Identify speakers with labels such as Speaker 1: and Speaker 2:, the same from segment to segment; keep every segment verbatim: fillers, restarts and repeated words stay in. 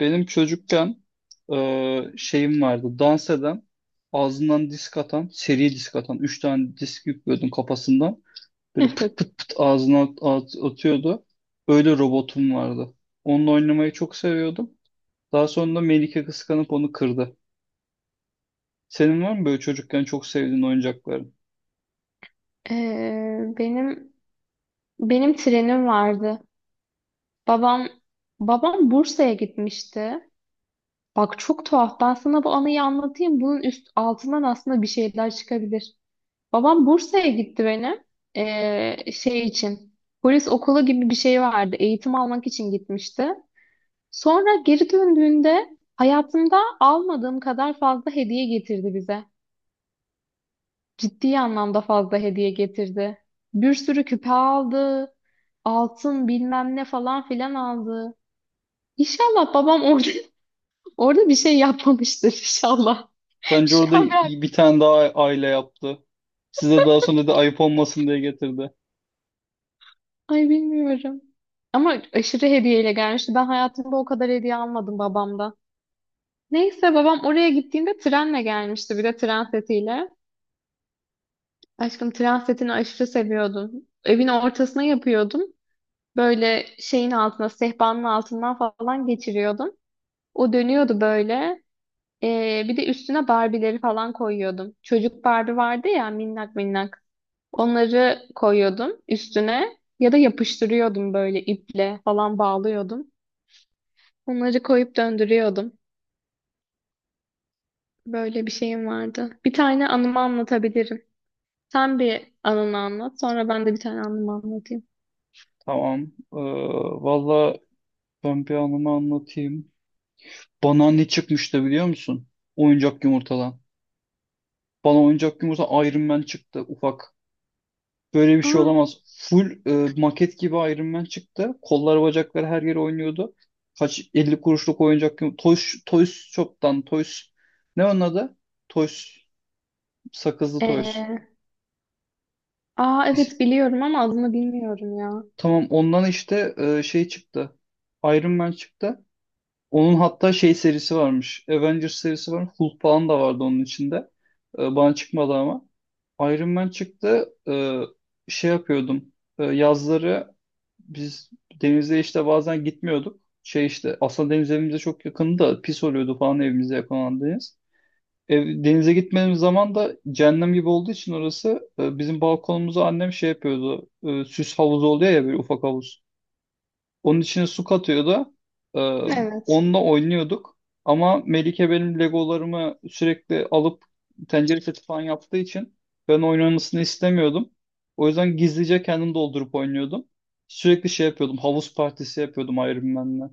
Speaker 1: Benim çocukken e, şeyim vardı. Dans eden, ağzından disk atan, seri disk atan. Üç tane disk yüklüyordum kafasından. Böyle pıt
Speaker 2: Evet.
Speaker 1: pıt pıt ağzına at- at- atıyordu. Öyle robotum vardı. Onunla oynamayı çok seviyordum. Daha sonra da Melike kıskanıp onu kırdı. Senin var mı böyle çocukken çok sevdiğin oyuncakların?
Speaker 2: Ee, benim benim trenim vardı. Babam babam Bursa'ya gitmişti. Bak çok tuhaf. Ben sana bu anıyı anlatayım. Bunun üst altından aslında bir şeyler çıkabilir. Babam Bursa'ya gitti benim. Ee, şey için. Polis okulu gibi bir şey vardı. Eğitim almak için gitmişti. Sonra geri döndüğünde hayatımda almadığım kadar fazla hediye getirdi bize. Ciddi anlamda fazla hediye getirdi. Bir sürü küpe aldı. Altın bilmem ne falan filan aldı. İnşallah babam orada orada bir şey yapmamıştır inşallah.
Speaker 1: Bence
Speaker 2: Şu
Speaker 1: orada
Speaker 2: an ben
Speaker 1: iyi bir tane daha aile yaptı. Size daha sonra da ayıp olmasın diye getirdi.
Speaker 2: ay bilmiyorum. Ama aşırı hediyeyle gelmişti. Ben hayatımda o kadar hediye almadım babamdan. Neyse babam oraya gittiğinde trenle gelmişti bir de tren setiyle. Aşkım tren setini aşırı seviyordum. Evin ortasına yapıyordum. Böyle şeyin altına, sehpanın altından falan geçiriyordum. O dönüyordu böyle. Ee, bir de üstüne Barbie'leri falan koyuyordum. Çocuk Barbie vardı ya minnak minnak. Onları koyuyordum üstüne ya da yapıştırıyordum böyle iple falan bağlıyordum. Onları koyup döndürüyordum. Böyle bir şeyim vardı. Bir tane anımı anlatabilirim. Sen bir anını anlat, sonra ben de bir tane anımı anlatayım.
Speaker 1: Tamam. Ee, Valla ben bir anımı anlatayım. Bana ne çıkmıştı biliyor musun? Oyuncak yumurtadan. Bana oyuncak yumurta Iron Man çıktı ufak. Böyle bir şey
Speaker 2: Aa,
Speaker 1: olamaz. Full e, maket gibi Iron Man çıktı. Kollar bacakları her yere oynuyordu. Kaç elli kuruşluk oyuncak yumurta. Toys, Toys Shop'tan Toys. Ne onun adı? Toys. Sakızlı Toys.
Speaker 2: ee, aa
Speaker 1: İs-
Speaker 2: evet biliyorum ama adını bilmiyorum ya.
Speaker 1: Tamam ondan işte e, şey çıktı. Iron Man çıktı. Onun hatta şey serisi varmış. Avengers serisi var. Hulk falan da vardı onun içinde. Ee, bana çıkmadı ama. Iron Man çıktı. Ee, şey yapıyordum. Ee, yazları biz denize işte bazen gitmiyorduk. Şey işte aslında deniz evimize çok yakındı da pis oluyordu falan evimize yakın olan deniz. Ev, denize gitmediğimiz zaman da cehennem gibi olduğu için orası e, bizim balkonumuzu annem şey yapıyordu. E, süs havuzu oluyor ya böyle ufak havuz. Onun içine su katıyordu. Ee,
Speaker 2: Evet.
Speaker 1: Onunla oynuyorduk. Ama Melike benim Legolarımı sürekli alıp tencere seti falan yaptığı için ben oynamasını istemiyordum. O yüzden gizlice kendim doldurup oynuyordum. Sürekli şey yapıyordum. Havuz partisi yapıyordum Iron Man'le.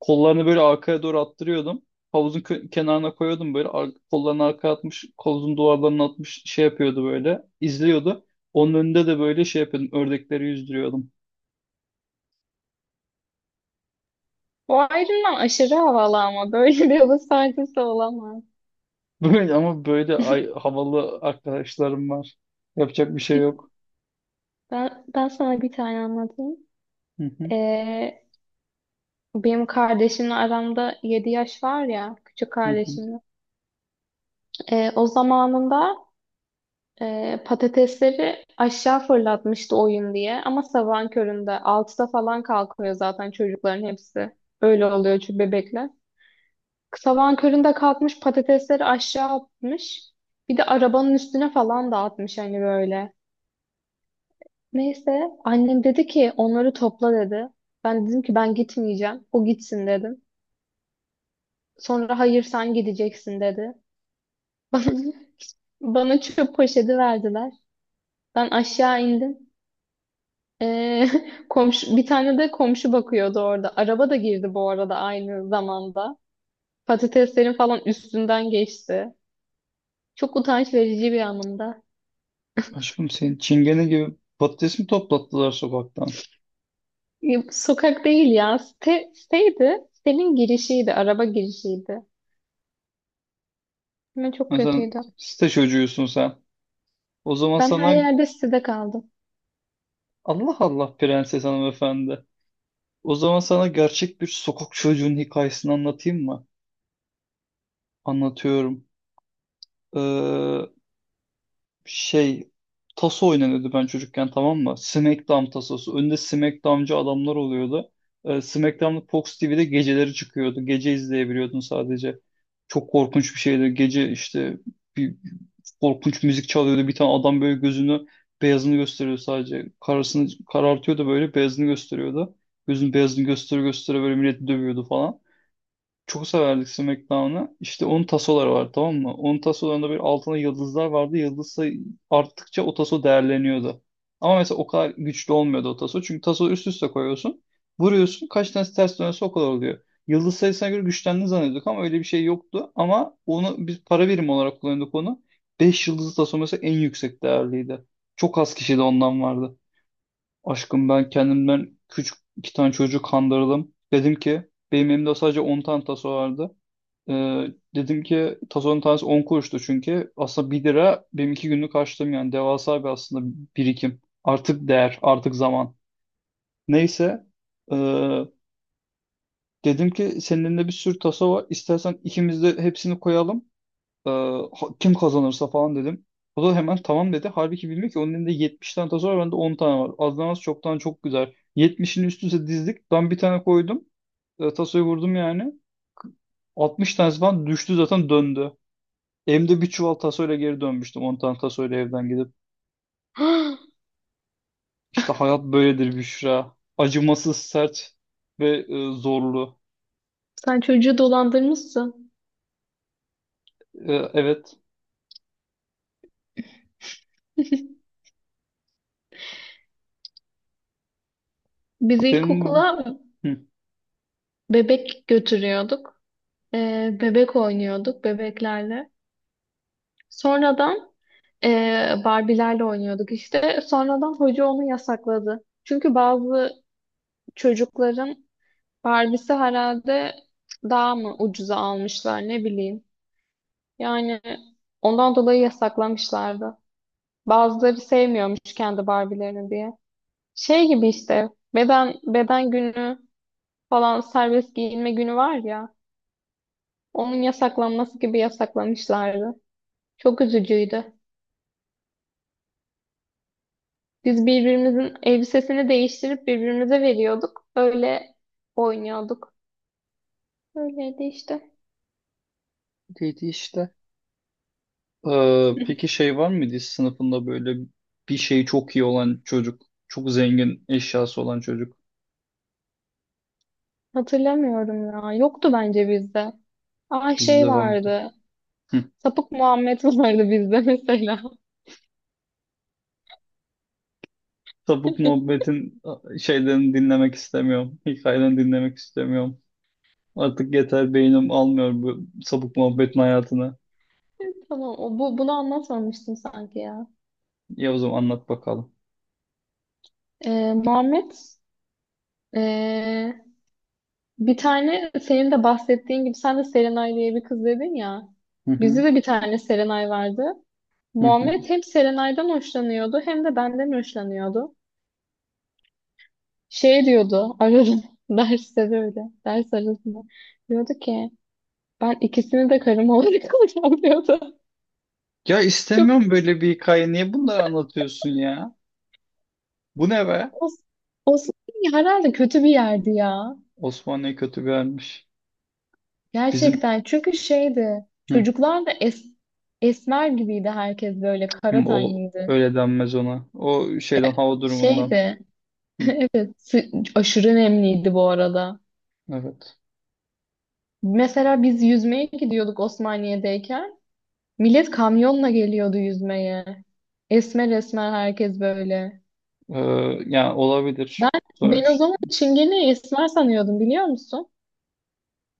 Speaker 1: Kollarını böyle arkaya doğru attırıyordum. Havuzun kö- kenarına koyuyordum böyle. Ar- kollarını arkaya atmış, havuzun duvarlarına atmış şey yapıyordu böyle. İzliyordu. Onun önünde de böyle şey yapıyordum. Ördekleri yüzdürüyordum.
Speaker 2: Bu ayrımdan aşırı havalı ama böyle bir hava saygısı olamaz.
Speaker 1: Böyle, ama böyle ay, havalı arkadaşlarım var. Yapacak bir şey yok.
Speaker 2: Ben, ben sana bir tane anlatayım.
Speaker 1: Hı hı,
Speaker 2: Ee, Benim kardeşimle aramda yedi yaş var ya, küçük
Speaker 1: hı hı.
Speaker 2: kardeşimle. Ee, o zamanında e, patatesleri aşağı fırlatmıştı oyun diye. Ama sabahın köründe altıda falan kalkıyor zaten çocukların hepsi. Öyle oluyor çünkü bebekler. Sabahın köründe kalkmış patatesleri aşağı atmış. Bir de arabanın üstüne falan dağıtmış hani böyle. Neyse annem dedi ki onları topla dedi. Ben dedim ki ben gitmeyeceğim. O gitsin dedim. Sonra hayır sen gideceksin dedi. Bana çöp poşeti verdiler. Ben aşağı indim. Ee, komşu, bir tane de komşu bakıyordu orada. Araba da girdi bu arada aynı zamanda. Patateslerin falan üstünden geçti. Çok utanç verici bir anımda.
Speaker 1: Aşkım senin çingene gibi patates mi toplattılar sokaktan?
Speaker 2: Ya, sokak değil ya. Site, siteydi. Sitenin girişiydi. Araba girişiydi. Ama çok
Speaker 1: Ha, sen
Speaker 2: kötüydü.
Speaker 1: site çocuğusun sen. O zaman
Speaker 2: Ben her
Speaker 1: sana
Speaker 2: yerde sitede kaldım.
Speaker 1: Allah Allah prenses hanımefendi. O zaman sana gerçek bir sokak çocuğunun hikayesini anlatayım mı? Anlatıyorum. Ee, şey taso oynanıyordu ben çocukken tamam mı? SmackDown tasosu. Önde SmackDown'cı adamlar oluyordu. Ee, SmackDown'da Fox T V'de geceleri çıkıyordu. Gece izleyebiliyordun sadece. Çok korkunç bir şeydi. Gece işte bir korkunç müzik çalıyordu. Bir tane adam böyle gözünü beyazını gösteriyordu sadece. Karasını karartıyordu böyle beyazını gösteriyordu. Gözün beyazını gösteri göstere böyle milleti dövüyordu falan, çok severdik SmackDown'ı. İşte onun tasoları var tamam mı? Onun tasolarında bir altına yıldızlar vardı. Yıldız sayı arttıkça o taso değerleniyordu. Ama mesela o kadar güçlü olmuyordu o taso. Çünkü taso üst üste koyuyorsun. Vuruyorsun. Kaç tanesi ters dönüyorsa o kadar oluyor. Yıldız sayısına göre güçlendiğini zannediyorduk ama öyle bir şey yoktu. Ama onu biz para birimi olarak kullanıyorduk onu. Beş yıldızlı taso mesela en yüksek değerliydi. Çok az kişi de ondan vardı. Aşkım ben kendimden küçük iki tane çocuğu kandırdım. Dedim ki benim elimde sadece on tane taso vardı. Ee, dedim ki tazonun tanesi on kuruştu çünkü. Aslında bir lira benim iki günlük harçlığım yani. Devasa bir aslında birikim. Artık değer, artık zaman. Neyse. ee, dedim ki senin elinde bir sürü taso var. İstersen ikimiz de hepsini koyalım. Ee, ha- kim kazanırsa falan dedim. O da hemen tamam dedi. Halbuki bilmiyor ki onun elinde yetmiş tane taso var. Bende on tane var. Azdan az çoktan çok güzel. yetmişin üstüne dizdik. Ben bir tane koydum. Ee, tasoyu vurdum yani. altmış tanesi falan düştü zaten döndü. Hem de bir çuval tasoyla geri dönmüştüm on tane tasoyla evden gidip. İşte hayat böyledir Büşra. Acımasız, sert ve e, zorlu.
Speaker 2: Sen çocuğu dolandırmışsın.
Speaker 1: E, evet.
Speaker 2: Biz
Speaker 1: Benim
Speaker 2: ilkokula
Speaker 1: Hı,
Speaker 2: Bebek götürüyorduk. Ee, bebek oynuyorduk bebeklerle. Sonradan ee, Barbie'lerle oynuyorduk işte. Sonradan hoca onu yasakladı. Çünkü bazı çocukların Barbie'si herhalde daha mı ucuza almışlar ne bileyim. Yani ondan dolayı yasaklamışlardı. Bazıları sevmiyormuş kendi Barbie'lerini diye. Şey gibi işte beden beden günü falan serbest giyinme günü var ya. Onun yasaklanması gibi yasaklamışlardı. Çok üzücüydü. Biz birbirimizin elbisesini değiştirip birbirimize veriyorduk. Öyle oynuyorduk. Öyleydi işte.
Speaker 1: neydi işte. E, peki şey var mıydı hiç sınıfında böyle bir şey çok iyi olan çocuk? Çok zengin eşyası olan çocuk.
Speaker 2: Hatırlamıyorum ya. Yoktu bence bizde. Aa şey
Speaker 1: Bizde vardı.
Speaker 2: vardı.
Speaker 1: Hı.
Speaker 2: Sapık Muhammed vardı bizde mesela.
Speaker 1: Sapık muhabbetin e, şeylerini dinlemek istemiyorum. Hikayelerini dinlemek istemiyorum. Artık yeter beynim almıyor bu sapık muhabbetin hayatını.
Speaker 2: Tamam, o, bu, bunu anlatmamıştım sanki ya.
Speaker 1: Ya o zaman anlat bakalım.
Speaker 2: Ee, Muhammed, ee, bir tane senin de bahsettiğin gibi sen de Serenay diye bir kız dedin ya.
Speaker 1: Hı hı,
Speaker 2: Bizde de bir tane Serenay vardı.
Speaker 1: hı hı.
Speaker 2: Muhammed hem Serenay'dan hoşlanıyordu hem de benden hoşlanıyordu. Şey diyordu ararım derste böyle ders arasında. Diyordu ki ben ikisini de karım olarak alacağım diyordu.
Speaker 1: Ya
Speaker 2: Çok
Speaker 1: istemiyorum böyle bir hikaye. Niye bunları anlatıyorsun ya? Bu ne be?
Speaker 2: o, o herhalde kötü bir yerdi ya.
Speaker 1: Osmanlı'ya kötü gelmiş. Bizim
Speaker 2: Gerçekten çünkü şeydi çocuklar da es, esmer gibiydi herkes böyle
Speaker 1: hı,
Speaker 2: kara
Speaker 1: o
Speaker 2: tenliydi.
Speaker 1: öyle denmez ona. O şeyden hava durumundan.
Speaker 2: Şeydi
Speaker 1: Hı,
Speaker 2: sı- aşırı nemliydi bu arada.
Speaker 1: evet.
Speaker 2: Mesela biz yüzmeye gidiyorduk Osmaniye'deyken. Millet kamyonla geliyordu yüzmeye. Esmer esmer herkes böyle.
Speaker 1: Ee, yani olabilir
Speaker 2: Ben, ben o
Speaker 1: sonuç.
Speaker 2: zaman Çingene'yi esmer sanıyordum biliyor musun?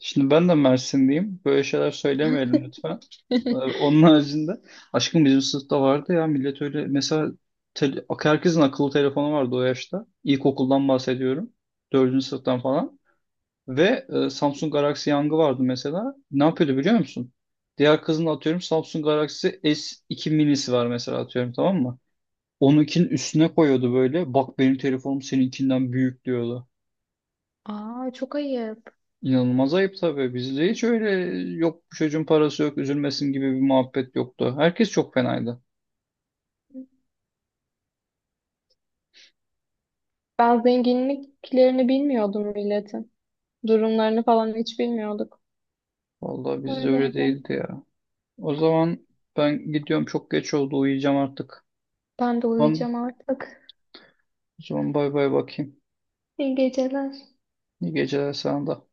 Speaker 1: Şimdi ben de Mersinliyim. Böyle şeyler söylemeyelim lütfen. Ee, onun haricinde aşkım bizim sınıfta vardı ya millet öyle mesela tele- herkesin akıllı telefonu vardı o yaşta. İlkokuldan bahsediyorum. Dördüncü sınıftan falan. Ve e, Samsung Galaxy Young'ı vardı mesela. Ne yapıyordu biliyor musun? Diğer kızın atıyorum Samsung Galaxy S iki minisi var mesela atıyorum tamam mı? Onunkinin üstüne koyuyordu böyle. Bak benim telefonum seninkinden büyük diyordu.
Speaker 2: Aa çok ayıp.
Speaker 1: İnanılmaz ayıp tabii. Bizde hiç öyle yok bu çocuğun parası yok üzülmesin gibi bir muhabbet yoktu. Herkes çok fenaydı.
Speaker 2: Ben zenginliklerini bilmiyordum milletin. Durumlarını falan hiç bilmiyorduk.
Speaker 1: Vallahi bizde öyle
Speaker 2: Öyleydi.
Speaker 1: değildi ya. O zaman ben gidiyorum çok geç oldu uyuyacağım artık.
Speaker 2: Ben de
Speaker 1: Tamam.
Speaker 2: uyuyacağım artık.
Speaker 1: O zaman bay bay bakayım.
Speaker 2: İyi geceler.
Speaker 1: İyi geceler sana da.